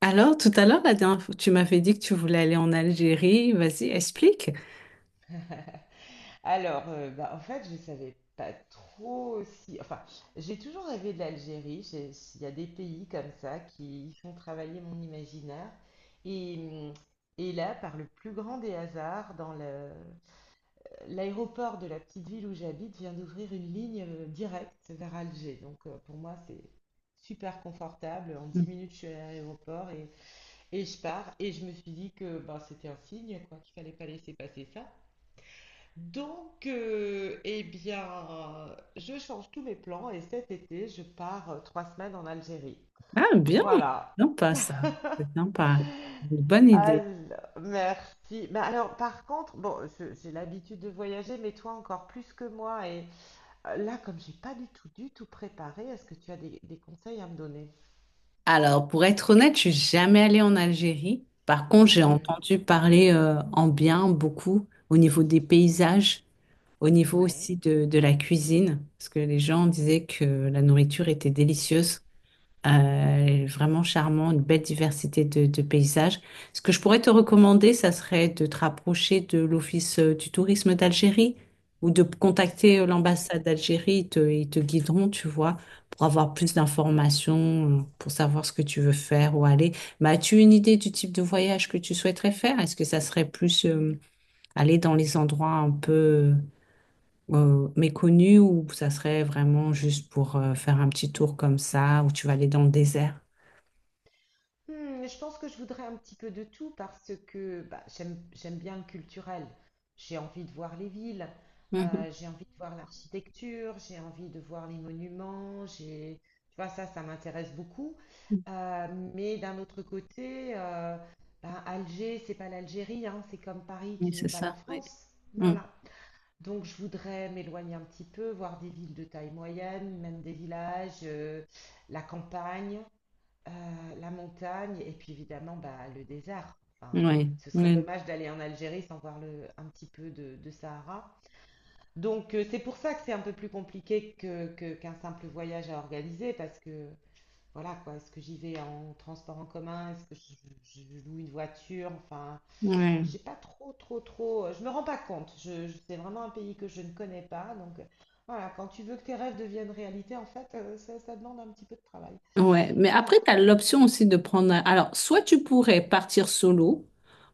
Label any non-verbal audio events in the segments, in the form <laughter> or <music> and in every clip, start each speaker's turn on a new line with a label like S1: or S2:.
S1: Alors, tout à l'heure, la dernière fois, tu m'avais dit que tu voulais aller en Algérie. Vas-y, explique.
S2: <laughs> Alors, en fait, je savais pas trop si... Enfin, j'ai toujours rêvé de l'Algérie. Il y a des pays comme ça qui font travailler mon imaginaire. Et et là, par le plus grand des hasards, l'aéroport de la petite ville où j'habite vient d'ouvrir une ligne directe vers Alger. Donc, pour moi, c'est super confortable. En 10 minutes, je suis à l'aéroport et je pars. Et je me suis dit que bah, c'était un signe, quoi, qu'il fallait pas laisser passer ça. Donc, eh bien, je change tous mes plans et cet été, je pars 3 semaines en Algérie.
S1: Ah, bien.
S2: Voilà.
S1: Non pas ça. C'est sympa. Une bonne idée.
S2: Alors, merci. Mais alors, par contre, bon, j'ai l'habitude de voyager, mais toi encore plus que moi. Et là, comme j'ai pas du tout, du tout préparé, est-ce que tu as des conseils à me donner?
S1: Alors, pour être honnête, je suis jamais allée en Algérie. Par contre, j'ai
S2: Hmm,
S1: entendu parler en bien beaucoup au niveau des paysages, au niveau
S2: ouais.
S1: aussi de la cuisine, parce que les gens disaient que la nourriture était délicieuse. Vraiment charmant, une belle diversité de paysages. Ce que je pourrais te recommander, ça serait de te rapprocher de l'Office du tourisme d'Algérie ou de contacter
S2: Ouais.
S1: l'ambassade d'Algérie. Ils te guideront, tu vois, pour avoir plus d'informations, pour savoir ce que tu veux faire, ou aller. Bah, as-tu une idée du type de voyage que tu souhaiterais faire? Est-ce que ça serait plus aller dans les endroits un peu méconnus ou ça serait vraiment juste pour faire un petit tour comme ça, où tu vas aller dans le désert?
S2: Hmm, je pense que je voudrais un petit peu de tout parce que bah, j'aime bien le culturel. J'ai envie de voir les villes,
S1: Mmh.
S2: j'ai envie de voir l'architecture, j'ai envie de voir les monuments, j'ai, tu vois, ça m'intéresse beaucoup. Euh, mais d'un autre côté, ben, Alger, c'est pas l'Algérie, hein, c'est comme Paris
S1: Oui,
S2: qui n'est
S1: c'est
S2: pas la
S1: ça, oui.
S2: France.
S1: Mmh.
S2: Voilà. Donc je voudrais m'éloigner un petit peu, voir des villes de taille moyenne, même des villages, la campagne. Euh, la montagne et puis évidemment bah, le désert. Enfin,
S1: Oui,
S2: ce serait
S1: oui,
S2: dommage d'aller en Algérie sans voir le, un petit peu de Sahara. Donc c'est pour ça que c'est un peu plus compliqué que, qu'un simple voyage à organiser parce que voilà quoi, est-ce que j'y vais en transport en commun, est-ce que je, je loue une voiture, enfin je
S1: oui.
S2: sais pas trop, je me rends pas compte. Je, c'est vraiment un pays que je ne connais pas donc voilà quand tu veux que tes rêves deviennent réalité en fait ça, ça demande un petit peu de travail.
S1: Ouais, mais
S2: Voilà.
S1: après, tu as l'option aussi de prendre un- Alors, soit tu pourrais partir solo,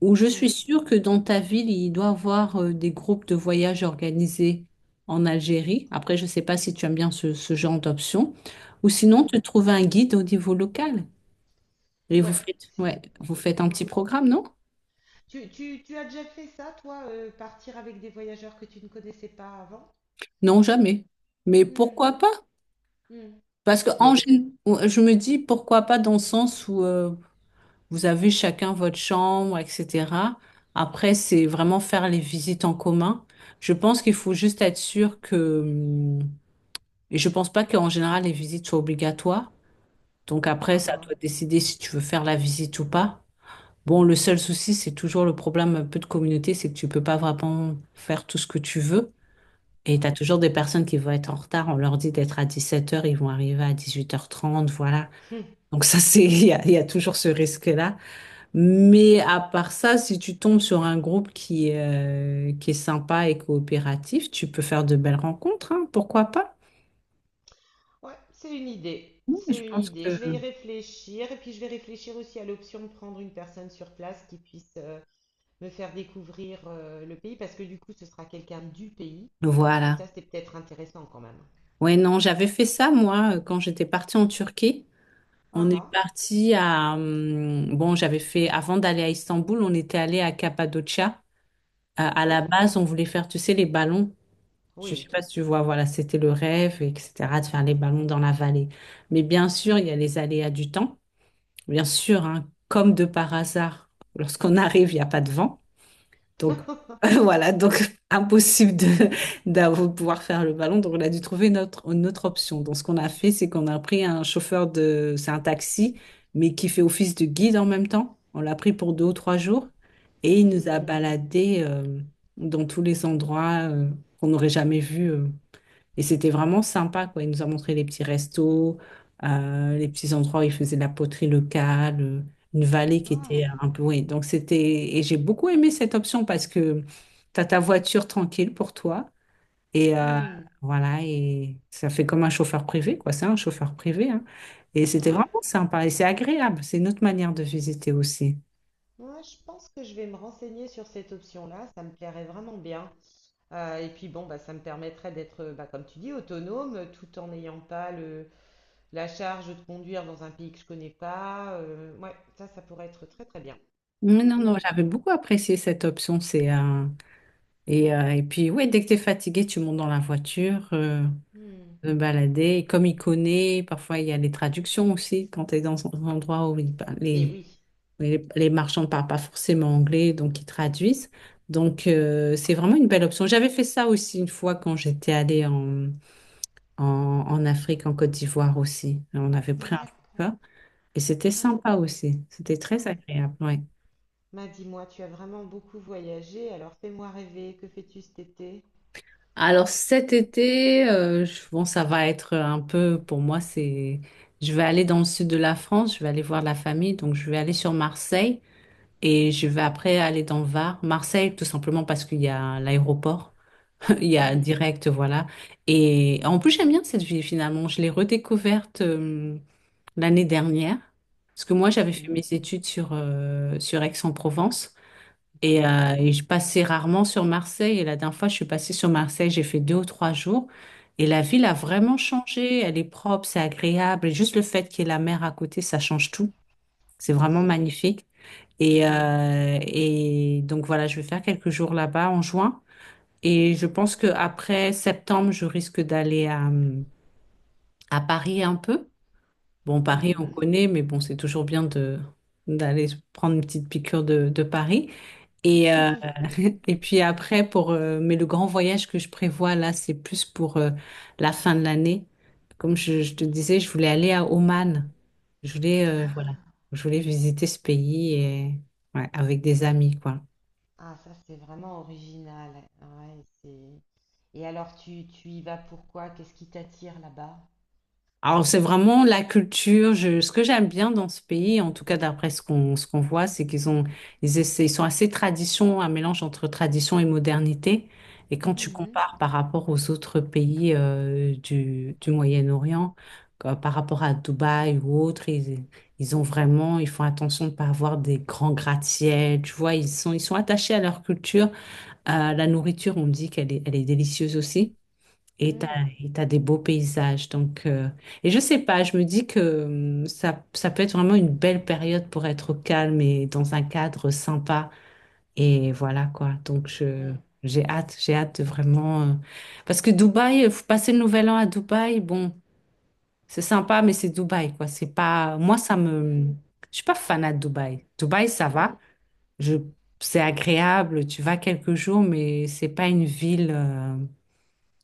S1: ou je suis
S2: Mhm.
S1: sûre que dans ta ville, il doit y avoir des groupes de voyage organisés en Algérie. Après, je ne sais pas si tu aimes bien ce genre d'option. Ou sinon, te
S2: Mhm.
S1: trouver un guide au niveau local. Et vous
S2: Ouais,
S1: faites,
S2: c'est.
S1: ouais,
S2: Ouais.
S1: vous faites un
S2: Ouais.
S1: petit programme, non?
S2: Tu as déjà fait ça, toi, partir avec des voyageurs que tu ne connaissais pas avant?
S1: Non, jamais. Mais
S2: Hmm,
S1: pourquoi pas?
S2: hmm.
S1: Parce que en, gén- Je me dis pourquoi pas dans le sens où... Vous avez chacun votre chambre, etc. Après, c'est vraiment faire les visites en commun. Je pense qu'il faut juste être sûr que, et je pense pas qu'en général les visites soient obligatoires. Donc après,
S2: Ah
S1: ça doit
S2: ah,
S1: décider si tu veux faire la visite ou pas. Bon, le seul souci, c'est toujours le problème un peu de communauté, c'est que tu peux pas vraiment faire tout ce que tu veux. Et tu as
S2: ouais.
S1: toujours des personnes qui vont être en retard. On leur dit d'être à 17 heures, ils vont arriver à 18:30, voilà. Donc ça,
S2: Hmm,
S1: c'est, <laughs>
S2: hmm.
S1: il y a toujours ce risque-là. Mais à part ça, si tu tombes sur un groupe qui est sympa et coopératif, tu peux faire de belles rencontres, hein, pourquoi pas?
S2: Ouais, c'est une idée.
S1: Oui, je
S2: C'est une
S1: pense
S2: idée.
S1: que...
S2: Je vais y réfléchir et puis je vais réfléchir aussi à l'option de prendre une personne sur place qui puisse me faire découvrir le pays parce que du coup, ce sera quelqu'un du pays et ça,
S1: Voilà.
S2: c'est peut-être intéressant quand même.
S1: Ouais, non, j'avais fait ça, moi, quand j'étais partie en Turquie. On
S2: Ah
S1: est
S2: ah,
S1: parti à... Bon, j'avais fait... Avant d'aller à Istanbul, on était allé à Cappadocia. À la
S2: oui,
S1: base, on voulait faire, tu sais, les ballons. Je sais
S2: oui.
S1: pas si tu vois, voilà, c'était le rêve, etc., de faire les ballons dans la vallée. Mais bien sûr, il y a les aléas du temps. Bien sûr, hein, comme de par hasard, lorsqu'on arrive, il n'y a pas de vent. Donc
S2: <laughs>
S1: <laughs> voilà, donc <laughs> impossible de, pouvoir faire le ballon. Donc on a dû trouver une autre option. Donc ce qu'on a fait, c'est qu'on a pris un chauffeur de, c'est un taxi, mais qui fait office de guide en même temps. On l'a pris pour 2 ou 3 jours et il nous a
S2: Mhm.
S1: baladés dans tous les endroits qu'on n'aurait jamais vus. Et c'était vraiment sympa, quoi. Il nous a montré les petits restos, les petits endroits où il faisait de la poterie locale, une vallée qui était
S2: Ouais.
S1: un peu... Oui, donc c'était... Et j'ai beaucoup aimé cette option parce que tu as ta voiture tranquille pour toi. Et
S2: Hmm.
S1: voilà, et ça fait comme un chauffeur privé, quoi. C'est un chauffeur privé, hein. Et c'était
S2: Ouais.
S1: vraiment sympa. Et c'est agréable. C'est une autre manière de visiter aussi.
S2: Moi, je pense que je vais me renseigner sur cette option-là, ça me plairait vraiment bien. Et puis bon, bah, ça me permettrait d'être, bah, comme tu dis, autonome, tout en n'ayant pas le, la charge de conduire dans un pays que je connais pas. Ouais, ça pourrait être très très bien.
S1: Mais non,
S2: Mm,
S1: non, j'avais beaucoup apprécié cette option. Et, et puis, ouais, dès que tu es fatigué, tu montes dans la voiture.
S2: mm.
S1: Me balader. Et comme il connaît, parfois il y a les traductions aussi quand tu es dans un endroit où il parle-
S2: Et oui.
S1: les marchands ne parlent pas forcément anglais, donc ils traduisent. Donc c'est vraiment une belle option. J'avais fait ça aussi une fois quand j'étais allée en, en Afrique, en Côte d'Ivoire aussi. On avait pris un
S2: D'accord.
S1: chauffeur et c'était
S2: Ouais.
S1: sympa aussi. C'était très
S2: Ouais.
S1: agréable, ouais.
S2: Bah, dis-moi, tu as vraiment beaucoup voyagé, alors fais-moi rêver, que fais-tu cet été?
S1: Alors cet été, bon, ça va être un peu, pour moi, c'est... Je vais aller dans le sud de la France, je vais aller voir la famille, donc je vais aller sur Marseille. Et je vais
S2: Ok.
S1: après aller dans Var, Marseille, tout simplement parce qu'il y a l'aéroport. <laughs> Il y a
S2: Mm,
S1: direct, voilà. Et en plus, j'aime bien cette ville finalement. Je l'ai redécouverte l'année dernière. Parce que moi, j'avais fait mes
S2: mhm.
S1: études sur, sur Aix-en-Provence.
S2: D'accord,
S1: Et je passais rarement sur Marseille. Et la dernière fois, je suis passée sur Marseille, j'ai fait 2 ou 3 jours. Et la ville a vraiment changé. Elle est propre, c'est agréable. Et juste le fait qu'il y ait la mer à côté, ça change tout. C'est
S2: c'est
S1: vraiment
S2: sûr.
S1: magnifique.
S2: Mm,
S1: Et donc voilà, je vais faire quelques jours là-bas en juin. Et je pense que après septembre, je risque d'aller à Paris un peu. Bon, Paris, on
S2: mhm.
S1: connaît, mais bon, c'est toujours bien de d'aller prendre une petite piqûre de Paris. Et,
S2: <laughs>
S1: <laughs> et puis après, pour, mais le grand voyage que je prévois là, c'est plus pour la fin de l'année. Comme je te disais, je voulais aller à Oman. Je voulais, voilà, je voulais visiter ce pays et, ouais, avec des amis, quoi.
S2: Ah, ça, c'est vraiment original. Ouais, c'est... Et alors, tu y vas pourquoi? Qu'est-ce qui t'attire là-bas?
S1: Alors, c'est vraiment la culture. Ce que j'aime bien dans ce pays, en tout cas d'après ce qu'on voit, c'est qu'ils ont, ils sont assez tradition, un mélange entre tradition et modernité. Et quand tu
S2: Mhm.
S1: compares par rapport aux autres pays du Moyen-Orient, comme par rapport à Dubaï ou autres, ils ont vraiment, ils font attention de ne pas avoir des grands gratte-ciels. Tu vois, ils sont attachés à leur culture. À la nourriture, on me dit elle est délicieuse aussi. Et t'as,
S2: Mhm.
S1: et t'as des beaux paysages. Donc, et je sais pas, je me dis que ça peut être vraiment une belle période pour être au calme et dans un cadre sympa. Et voilà quoi. Donc,
S2: Mhm.
S1: j'ai hâte de vraiment. Parce que Dubaï, faut passer le nouvel an à Dubaï, bon, c'est sympa, mais c'est Dubaï quoi. C'est pas. Moi, ça
S2: Mm.
S1: me. Je suis pas fanat de Dubaï. Dubaï, ça
S2: Mhm.
S1: va. Je... C'est agréable, tu vas quelques jours, mais c'est pas une ville.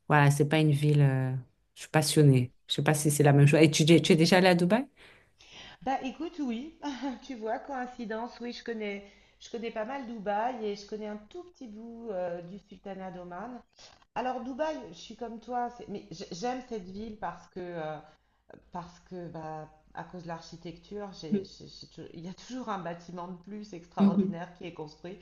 S1: Voilà, c'est pas une ville. Je suis passionnée. Je sais pas si c'est la
S2: Mhm.
S1: même chose. Et tu es déjà allée à Dubaï?
S2: Bah, écoute, oui. <laughs> Tu vois, coïncidence, oui, je connais pas mal Dubaï et je connais un tout petit bout du Sultanat d'Oman. Alors, Dubaï, je suis comme toi, c'est- mais j'aime cette ville parce que bah, à cause de l'architecture, il y a toujours un bâtiment de plus
S1: Mhm,
S2: extraordinaire qui est construit.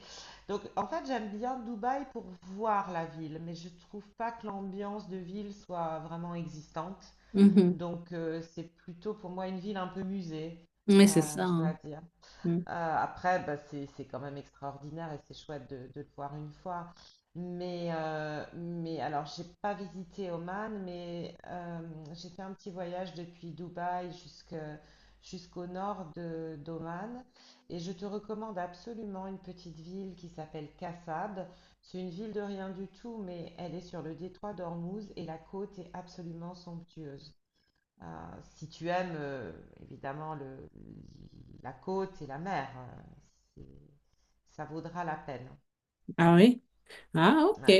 S2: Donc en fait, j'aime bien Dubaï pour voir la ville, mais je trouve pas que l'ambiance de ville soit vraiment existante.
S1: mhm.
S2: Donc c'est plutôt pour moi une ville un peu musée,
S1: Oui, c'est ça,
S2: je
S1: hein.
S2: dois dire.
S1: Mhm.
S2: Euh, Après, bah, c'est quand même extraordinaire et c'est chouette de le voir une fois. Mais alors, j'ai pas visité Oman, mais j'ai fait un petit voyage depuis Dubaï jusqu'au nord de, d'Oman. Et je te recommande absolument une petite ville qui s'appelle Kassab. C'est une ville de rien du tout, mais elle est sur le détroit d'Ormuz et la côte est absolument somptueuse. Euh, Si tu aimes, évidemment, le, la côte et la mer, c'est- ça vaudra la peine.
S1: Ah oui? Ah, ok.
S2: Ouais.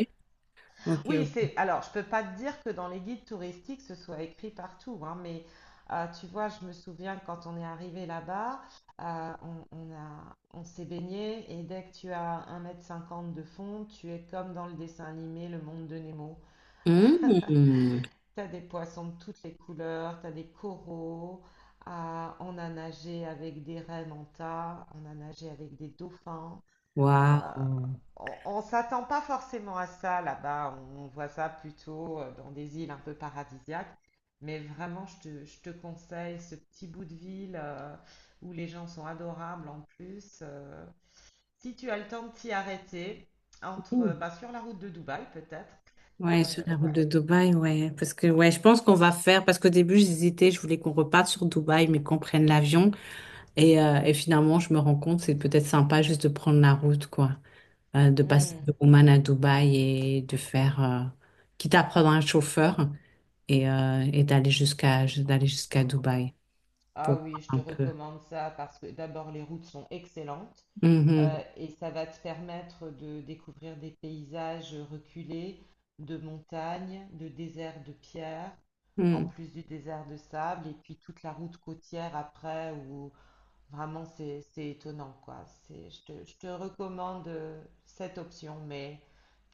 S1: Ok,
S2: Oui,
S1: ok.
S2: c'est. Alors, je peux pas te dire que dans les guides touristiques, ce soit écrit partout, hein, mais tu vois, je me souviens quand on est arrivé là-bas, on a, on s'est baigné et dès que tu as 1,50 mètre de fond, tu es comme dans le dessin animé Le Monde de Nemo.
S1: Hmm.
S2: T'as des poissons de toutes les couleurs, t'as des coraux, à, on a nagé avec des rennes en tas, on a nagé avec des dauphins. Euh,
S1: Waouh.
S2: on s'attend pas forcément à ça là-bas, on voit ça plutôt dans des îles un peu paradisiaques. Mais vraiment, je te conseille ce petit bout de ville où les gens sont adorables en plus. Si tu as le temps de t'y arrêter, entre,
S1: Mhm.
S2: bah, sur la route de Dubaï peut-être.
S1: Ouais,
S2: Euh,
S1: sur la route de Dubaï, ouais. Parce que, ouais, je pense qu'on va faire. Parce qu'au début, j'hésitais. Je voulais qu'on reparte sur Dubaï, mais qu'on prenne l'avion. Et finalement, je me rends compte, c'est peut-être sympa juste de prendre la route, quoi. De passer
S2: ouais.
S1: de Oman à Dubaï et de faire, quitte à prendre un chauffeur et d'aller jusqu'à Dubaï pour
S2: Ah oui, je te
S1: voir un peu.
S2: recommande ça parce que d'abord les routes sont excellentes
S1: Mhm.
S2: et ça va te permettre de découvrir des paysages reculés, de montagnes, de déserts de pierre, en
S1: Mm.
S2: plus du désert de sable et puis toute la route côtière après où vraiment c'est étonnant quoi. C'est, je te recommande cette option, mais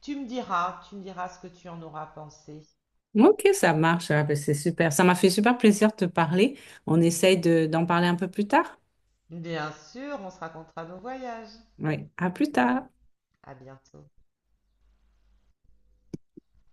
S2: tu me diras ce que tu en auras pensé.
S1: Ok, ça marche. Ah, ben, c'est super. Ça m'a fait super plaisir de te parler. On essaye de, d'en parler un peu plus tard.
S2: Bien sûr, on se racontera nos voyages.
S1: Oui, à plus tard.
S2: À bientôt.